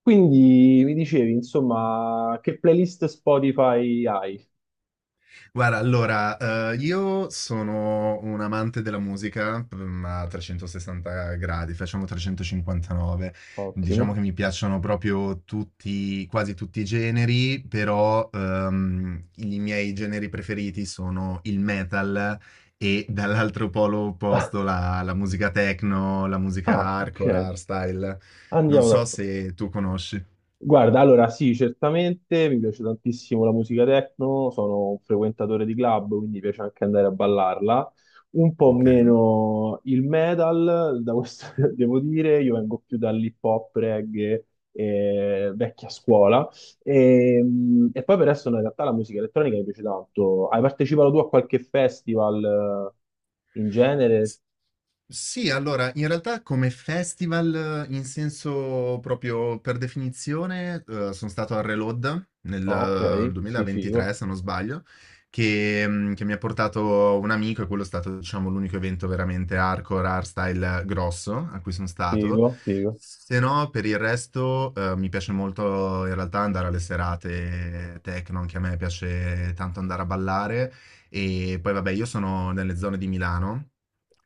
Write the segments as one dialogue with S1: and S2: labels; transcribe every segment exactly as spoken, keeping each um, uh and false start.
S1: Quindi mi dicevi, insomma, che playlist Spotify hai?
S2: Guarda, allora, eh, io sono un amante della musica, mm, a trecentosessanta gradi, facciamo trecentocinquantanove. Diciamo che
S1: Ottimo.
S2: mi piacciono proprio tutti, quasi tutti i generi, però ehm, i miei generi preferiti sono il metal e dall'altro polo opposto la, la musica techno, la musica
S1: Ah, ok.
S2: hardcore, hardstyle. Non
S1: Andiamo
S2: so
S1: d'accordo.
S2: se tu conosci.
S1: Guarda, allora sì, certamente mi piace tantissimo la musica techno, sono un frequentatore di club, quindi mi piace anche andare a ballarla. Un po'
S2: Ok.
S1: meno il metal, da questo devo dire, io vengo più dall'hip hop, reggae, eh, vecchia scuola. E, mh, e poi per adesso in realtà la musica elettronica mi piace tanto. Hai partecipato tu a qualche festival eh, in genere?
S2: Sì, allora, in realtà come festival, eh, in senso proprio per definizione, eh, sono stato al Reload
S1: Ah, ok,
S2: nel eh,
S1: sì, figo,
S2: duemilaventitré, se non sbaglio, che, mm, che mi ha portato un amico e quello è stato, diciamo, l'unico evento veramente hardcore, hardstyle grosso a cui sono stato.
S1: figo, figo,
S2: Se no, per il resto, eh, mi piace molto in realtà andare alle serate techno, anche a me piace tanto andare a ballare. E poi vabbè, io sono nelle zone di Milano,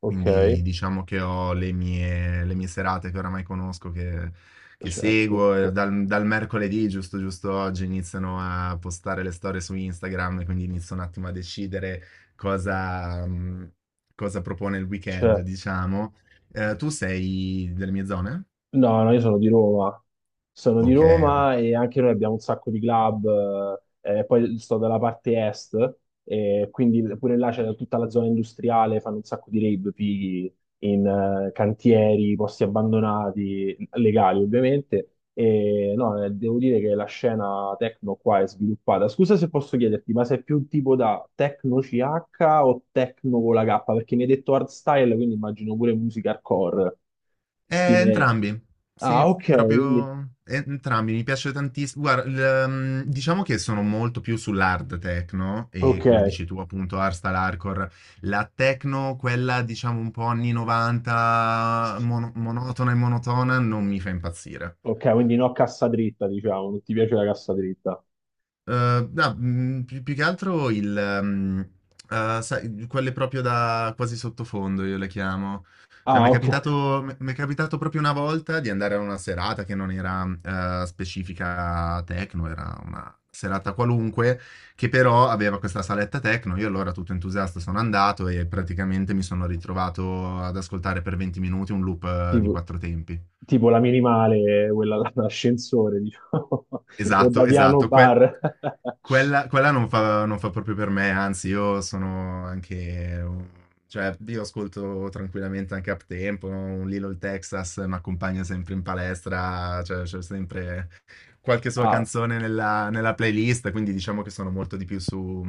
S1: ok,
S2: quindi diciamo che ho le mie, le mie serate che oramai conosco, che, che
S1: certo,
S2: seguo. e Dal, dal mercoledì, giusto, giusto oggi, iniziano a postare le storie su Instagram, e quindi inizio un attimo a decidere cosa, mh, cosa propone il weekend,
S1: certo.
S2: diciamo. Eh, tu sei delle mie zone?
S1: No, no, io sono di Roma. Sono di
S2: Ok, ok.
S1: Roma e anche noi abbiamo un sacco di club. Eh, poi sto dalla parte est, e quindi pure là c'è tutta la zona industriale, fanno un sacco di rave, fighi in eh, cantieri, posti abbandonati, legali ovviamente. E no, eh, devo dire che la scena techno qua è sviluppata. Scusa se posso chiederti, ma sei più un tipo da techno C H o techno con la K? Perché mi hai detto hardstyle, quindi immagino pure musica hardcore,
S2: Eh,
S1: stile...
S2: entrambi,
S1: Ah,
S2: sì,
S1: ok, quindi...
S2: proprio eh, entrambi, mi piace tantissimo. Guarda, il, ehm, diciamo che sono molto più sull'hard techno e,
S1: Ok,
S2: come dici tu, appunto hardstyle, hardcore. La techno, quella diciamo un po' anni novanta, mono- monotona e monotona, non mi fa impazzire.
S1: ok, quindi no cassa dritta, diciamo, non ti piace la cassa dritta.
S2: Eh, no, mm, più, più che altro il, ehm, eh, sai, quelle proprio da quasi sottofondo, io le chiamo. Cioè,
S1: Ah,
S2: mi è
S1: ok.
S2: capitato, mi è capitato proprio una volta di andare a una serata che non era eh, specifica techno, era una serata qualunque, che però aveva questa saletta techno. Io, allora, tutto entusiasta, sono andato e praticamente mi sono ritrovato ad ascoltare per venti minuti un loop eh, di
S1: Tipo,
S2: quattro tempi.
S1: tipo la minimale, quella dell'ascensore, diciamo, o
S2: Esatto,
S1: da piano
S2: esatto, quel-
S1: bar.
S2: Quella, quella non fa, non fa proprio per me, anzi, io sono anche. un- Cioè, io ascolto tranquillamente anche up tempo, un Lilo il Texas mi accompagna sempre in palestra, cioè c'è sempre qualche sua
S1: Ah,
S2: canzone nella, nella playlist, quindi diciamo che sono molto di più su,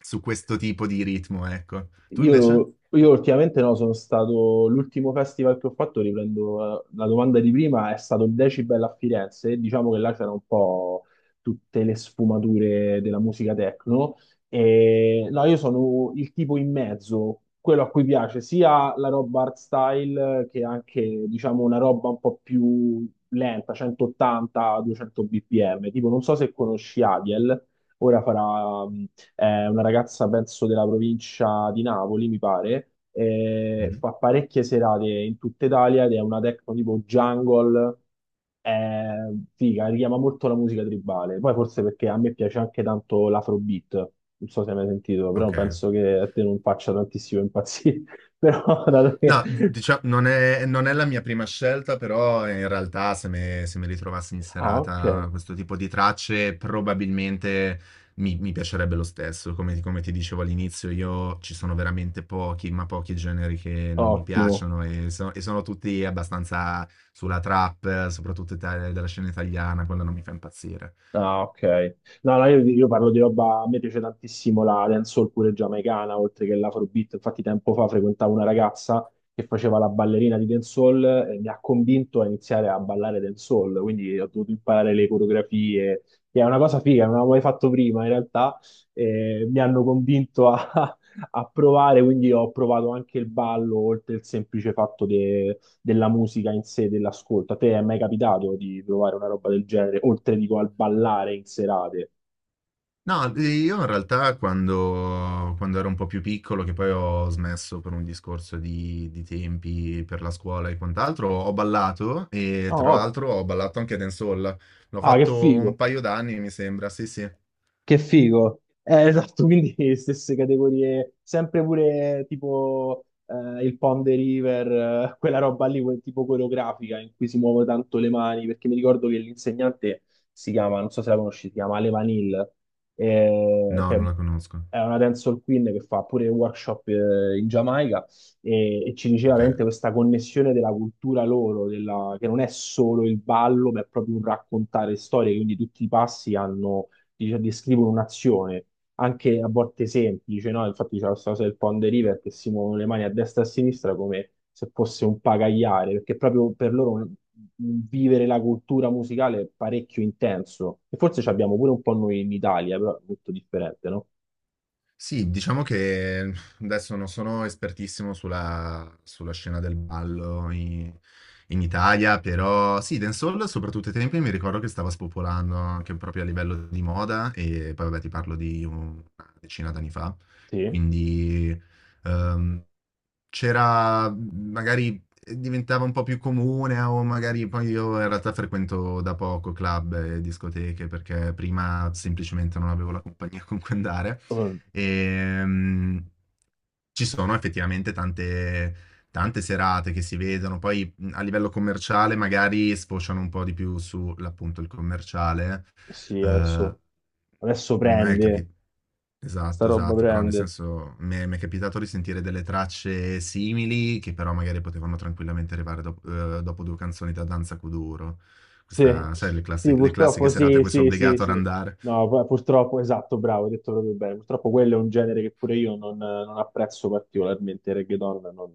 S2: su questo tipo di ritmo, ecco. Tu invece?
S1: Io, io ultimamente no, sono stato, l'ultimo festival che ho fatto, riprendo eh, la domanda di prima, è stato il Decibel a Firenze, e diciamo che là c'erano un po' tutte le sfumature della musica techno, no? E no, io sono il tipo in mezzo, quello a cui piace sia la roba art style che anche, diciamo, una roba un po' più lenta, centottanta duecento bpm, tipo non so se conosci Aviel, ora farà mm, è una ragazza, penso, della provincia di Napoli, mi pare, e
S2: Mm.
S1: fa parecchie serate in tutta Italia ed è una techno tipo jungle, è figa, richiama molto la musica tribale. Poi forse perché a me piace anche tanto l'afrobeat, non so se hai mai sentito, però
S2: Ok.
S1: penso che a te non faccia tantissimo impazzire, però dato che...
S2: No, diciamo, non è, non è la mia prima scelta, però in realtà se me- se mi ritrovassi in
S1: Ah, ok,
S2: serata questo tipo di tracce, probabilmente mi, mi piacerebbe lo stesso. Come, come ti dicevo all'inizio, io ci sono veramente pochi, ma pochi generi che non mi
S1: ottimo.
S2: piacciono e, so- e sono tutti abbastanza sulla trap, soprattutto ita- della scena italiana, quella non mi fa impazzire.
S1: Ah, ok. No, no, io, io parlo di roba, a me piace tantissimo la dancehall pure giamaicana, oltre che l'afrobeat. Infatti tempo fa frequentavo una ragazza che faceva la ballerina di dancehall e mi ha convinto a iniziare a ballare dancehall, quindi ho dovuto imparare le coreografie, che è una cosa figa, non avevo mai fatto prima in realtà, e mi hanno convinto a, a provare, quindi ho provato anche il ballo, oltre il semplice fatto della musica in sé, dell'ascolto. A te è mai capitato di provare una roba del genere, oltre dico al ballare in serate?
S2: No, io in realtà quando, quando ero un po' più piccolo, che poi ho smesso per un discorso di, di tempi per la scuola e quant'altro, ho ballato e
S1: Oh,
S2: tra
S1: oh,
S2: l'altro ho ballato anche dancehall. L'ho
S1: ah, che
S2: fatto un
S1: figo!
S2: paio d'anni, mi sembra. Sì, sì.
S1: Che figo. Eh, esatto, quindi stesse categorie, sempre pure tipo eh, il Pond de River, eh, quella roba lì, quel tipo coreografica in cui si muovono tanto le mani, perché mi ricordo che l'insegnante si chiama, non so se la conosci, si chiama Ale Vanil, eh,
S2: No,
S1: che
S2: non la conosco.
S1: è una dancehall queen che fa pure workshop eh, in Giamaica e, e ci diceva veramente
S2: Ok.
S1: questa connessione della cultura loro, della- che non è solo il ballo, ma è proprio un raccontare storie, quindi tutti i passi hanno dice- descrivono un'azione, anche a volte semplice, no? Infatti c'è questa cosa del Pond River che si muovono le mani a destra e a sinistra come se fosse un pagaiare, perché proprio per loro un- vivere la cultura musicale è parecchio intenso. E forse ci abbiamo pure un po' noi in Italia, però è molto differente, no?
S2: Sì, diciamo che adesso non sono espertissimo sulla, sulla scena del ballo in, in Italia, però sì, dancehall soprattutto ai tempi mi ricordo che stava spopolando anche proprio a livello di moda, e poi vabbè, ti parlo di una decina d'anni fa,
S1: Sì,
S2: quindi ehm, c'era magari, eh, diventava un po' più comune. O magari poi, io in realtà frequento da poco club e discoteche, perché prima semplicemente non avevo la compagnia con cui andare,
S1: Mm,
S2: e mm, ci sono effettivamente tante tante serate che si vedono poi, mm, a livello commerciale, magari sfociano un po' di più sull'appunto il commerciale,
S1: sì,
S2: eh,
S1: adesso, adesso
S2: non è
S1: prende,
S2: capito.
S1: sta
S2: Esatto,
S1: roba
S2: esatto, però nel
S1: prende.
S2: senso mi è mi è capitato di sentire delle tracce simili che però magari potevano tranquillamente arrivare dop uhm, dopo due canzoni da Danza Kuduro.
S1: Sì,
S2: Questa, sai, le
S1: sì,
S2: classi le classiche
S1: purtroppo
S2: serate a
S1: sì,
S2: cui sei
S1: sì, sì,
S2: obbligato ad
S1: sì.
S2: andare.
S1: No, pu- purtroppo, esatto, bravo, hai detto proprio bene. Purtroppo quello è un genere che pure io non, non apprezzo particolarmente, il reggaeton non,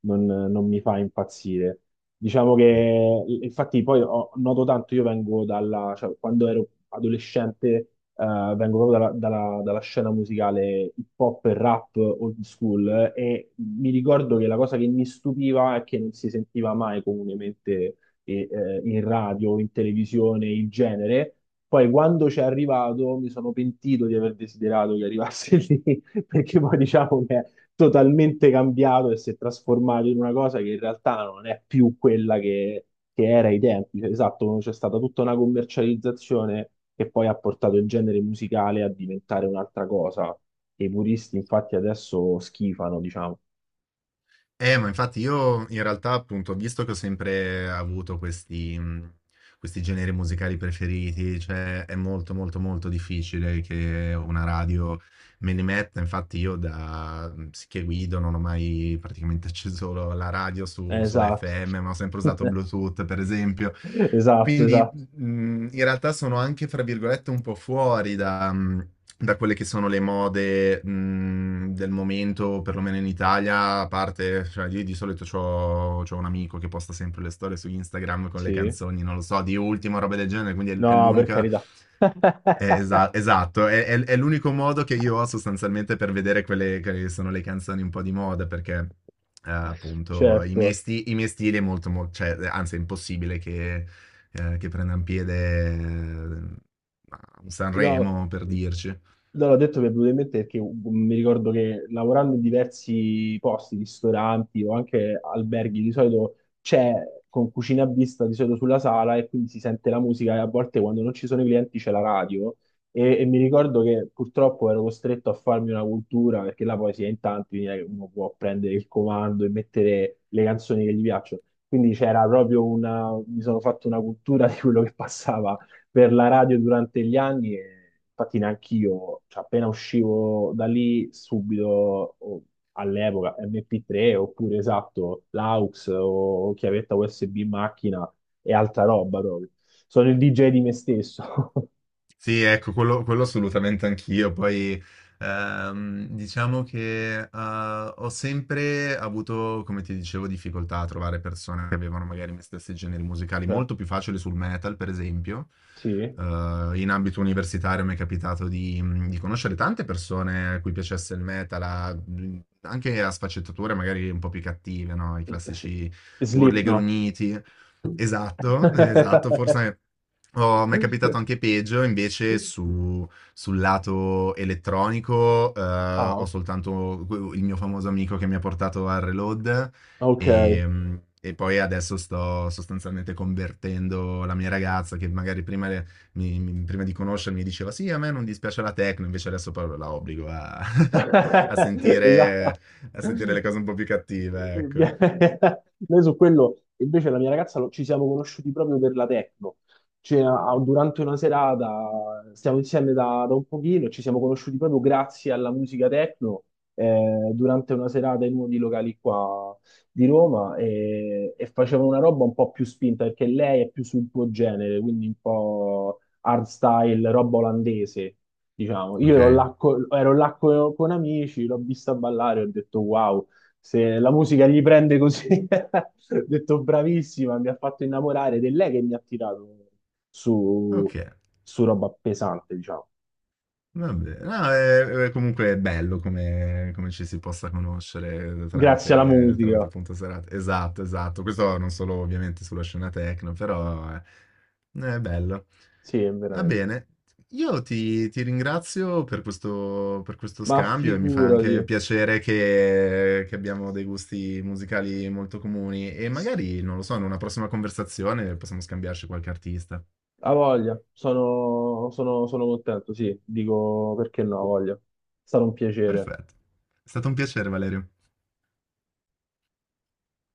S1: non- non mi fa impazzire. Diciamo
S2: Mh.
S1: che, infatti, poi ho- noto tanto, io vengo dalla, cioè, quando ero adolescente, eh, vengo proprio dalla, dalla- dalla scena musicale hip hop e rap old school, eh, e mi ricordo che la cosa che mi stupiva è che non si sentiva mai comunemente e, eh, in radio, in televisione, il genere. Poi quando ci è arrivato mi sono pentito di aver desiderato che arrivasse lì, perché poi diciamo che è totalmente cambiato e si è trasformato in una cosa che in realtà non è più quella che, che era ai tempi. Cioè, Esatto, c'è stata tutta una commercializzazione che poi ha portato il genere musicale a diventare un'altra cosa. E i puristi infatti adesso schifano, diciamo.
S2: Eh, ma infatti io, in realtà, appunto, visto che ho sempre avuto questi, mhmm, questi generi musicali preferiti, cioè è molto, molto, molto difficile che una radio me li metta. Infatti, io da mm, che guido non ho mai praticamente acceso la radio, su- sulla
S1: Esatto,
S2: F M, ma ho sempre usato Bluetooth, per esempio.
S1: esatto,
S2: Quindi
S1: esatto.
S2: mh, in realtà sono anche, fra virgolette, un po' fuori da, mh, da quelle che sono le mode mh, del momento, perlomeno in Italia. A parte, cioè, io di solito c'ho, c'ho un amico che posta sempre le storie su Instagram con le
S1: Sì.
S2: canzoni, non lo so, di Ultimo, roba del genere, quindi è, è
S1: No, per
S2: l'unica,
S1: carità.
S2: eh, esa- esatto, è, è- è l'unico modo che io ho sostanzialmente per vedere quelle che sono le canzoni un po' di moda, perché eh, appunto i miei,
S1: Certo.
S2: sti- i miei stili è molto, mo- cioè, eh, anzi è impossibile che, eh, che prendano piede eh, a un
S1: No.
S2: Sanremo, per dirci.
S1: No, l'ho detto mi è venuto in mente perché uh, mi ricordo che lavorando in diversi posti, ristoranti o anche alberghi, di solito c'è con cucina a vista di solito sulla sala e quindi si sente la musica e a volte quando non ci sono i clienti c'è la radio e, e mi ricordo che purtroppo ero costretto a farmi una cultura perché là poi si è in tanti, quindi non è che uno può prendere il comando e mettere le canzoni che gli piacciono. Quindi c'era proprio una, mi sono fatto una cultura di quello che passava per la radio durante gli anni e infatti neanche io, cioè, appena uscivo da lì subito o- all'epoca M P tre oppure esatto l'aux o chiavetta U S B in macchina e altra roba proprio. Sono il D J di me stesso.
S2: Sì, ecco, quello, quello assolutamente anch'io. Poi, ehm, diciamo che, eh, ho sempre avuto, come ti dicevo, difficoltà a trovare persone che avevano magari i miei stessi generi musicali,
S1: Cioè,
S2: molto più facile sul metal, per esempio.
S1: sì,
S2: Eh, In ambito universitario mi è capitato di, mhmm, di conoscere tante persone a cui piacesse il metal, a- mhmm, anche a sfaccettature magari un po' più cattive, no? I
S1: S- s-
S2: classici urli e
S1: Slipknot.
S2: grugniti. Esatto, esatto, forse. Oh, mi è capitato anche peggio, invece su- sul lato elettronico, eh,
S1: Ah,
S2: ho soltanto que- il mio famoso amico che mi ha portato al Reload,
S1: ok.
S2: e, e poi adesso sto sostanzialmente convertendo la mia ragazza che magari prima, le- mi- mi- prima di conoscermi, diceva sì, a me non dispiace la techno, invece adesso però la obbligo a, a sentire,
S1: Esatto.
S2: a sentire le cose un po' più
S1: Noi
S2: cattive, ecco.
S1: su quello, invece, la mia ragazza lo- ci siamo conosciuti proprio per la techno. Cioè, a- durante una serata stiamo insieme da, da un pochino e ci siamo conosciuti proprio grazie alla musica techno eh, durante una serata in uno dei locali qua di Roma e, e facevano una roba un po' più spinta perché lei è più sul tuo genere, quindi un po' hardstyle, roba olandese. Diciamo, io
S2: Ok?
S1: ero là, co- ero là co- con amici, l'ho vista ballare, ho detto wow, se la musica gli prende così, ho detto bravissima, mi ha fatto innamorare ed è lei che mi ha tirato su,
S2: Ok.
S1: su roba pesante, diciamo.
S2: Vabbè, no, è, è comunque è bello come, come ci si possa conoscere,
S1: Grazie alla
S2: tramite, tramite
S1: musica,
S2: appunto serate. Esatto, esatto. Questo non solo ovviamente sulla scena techno, però è, è bello.
S1: sì,
S2: Va
S1: veramente.
S2: bene. Io ti, ti ringrazio per questo, per questo
S1: Ma
S2: scambio, e mi fa anche
S1: figurati,
S2: piacere che, che abbiamo dei gusti musicali molto comuni, e
S1: sì,
S2: magari, non lo so, in una prossima conversazione possiamo scambiarci qualche artista.
S1: ha voglia, sono, sono, sono contento, sì, dico perché no, ha voglia. È stato un piacere.
S2: Perfetto. È stato un piacere, Valerio.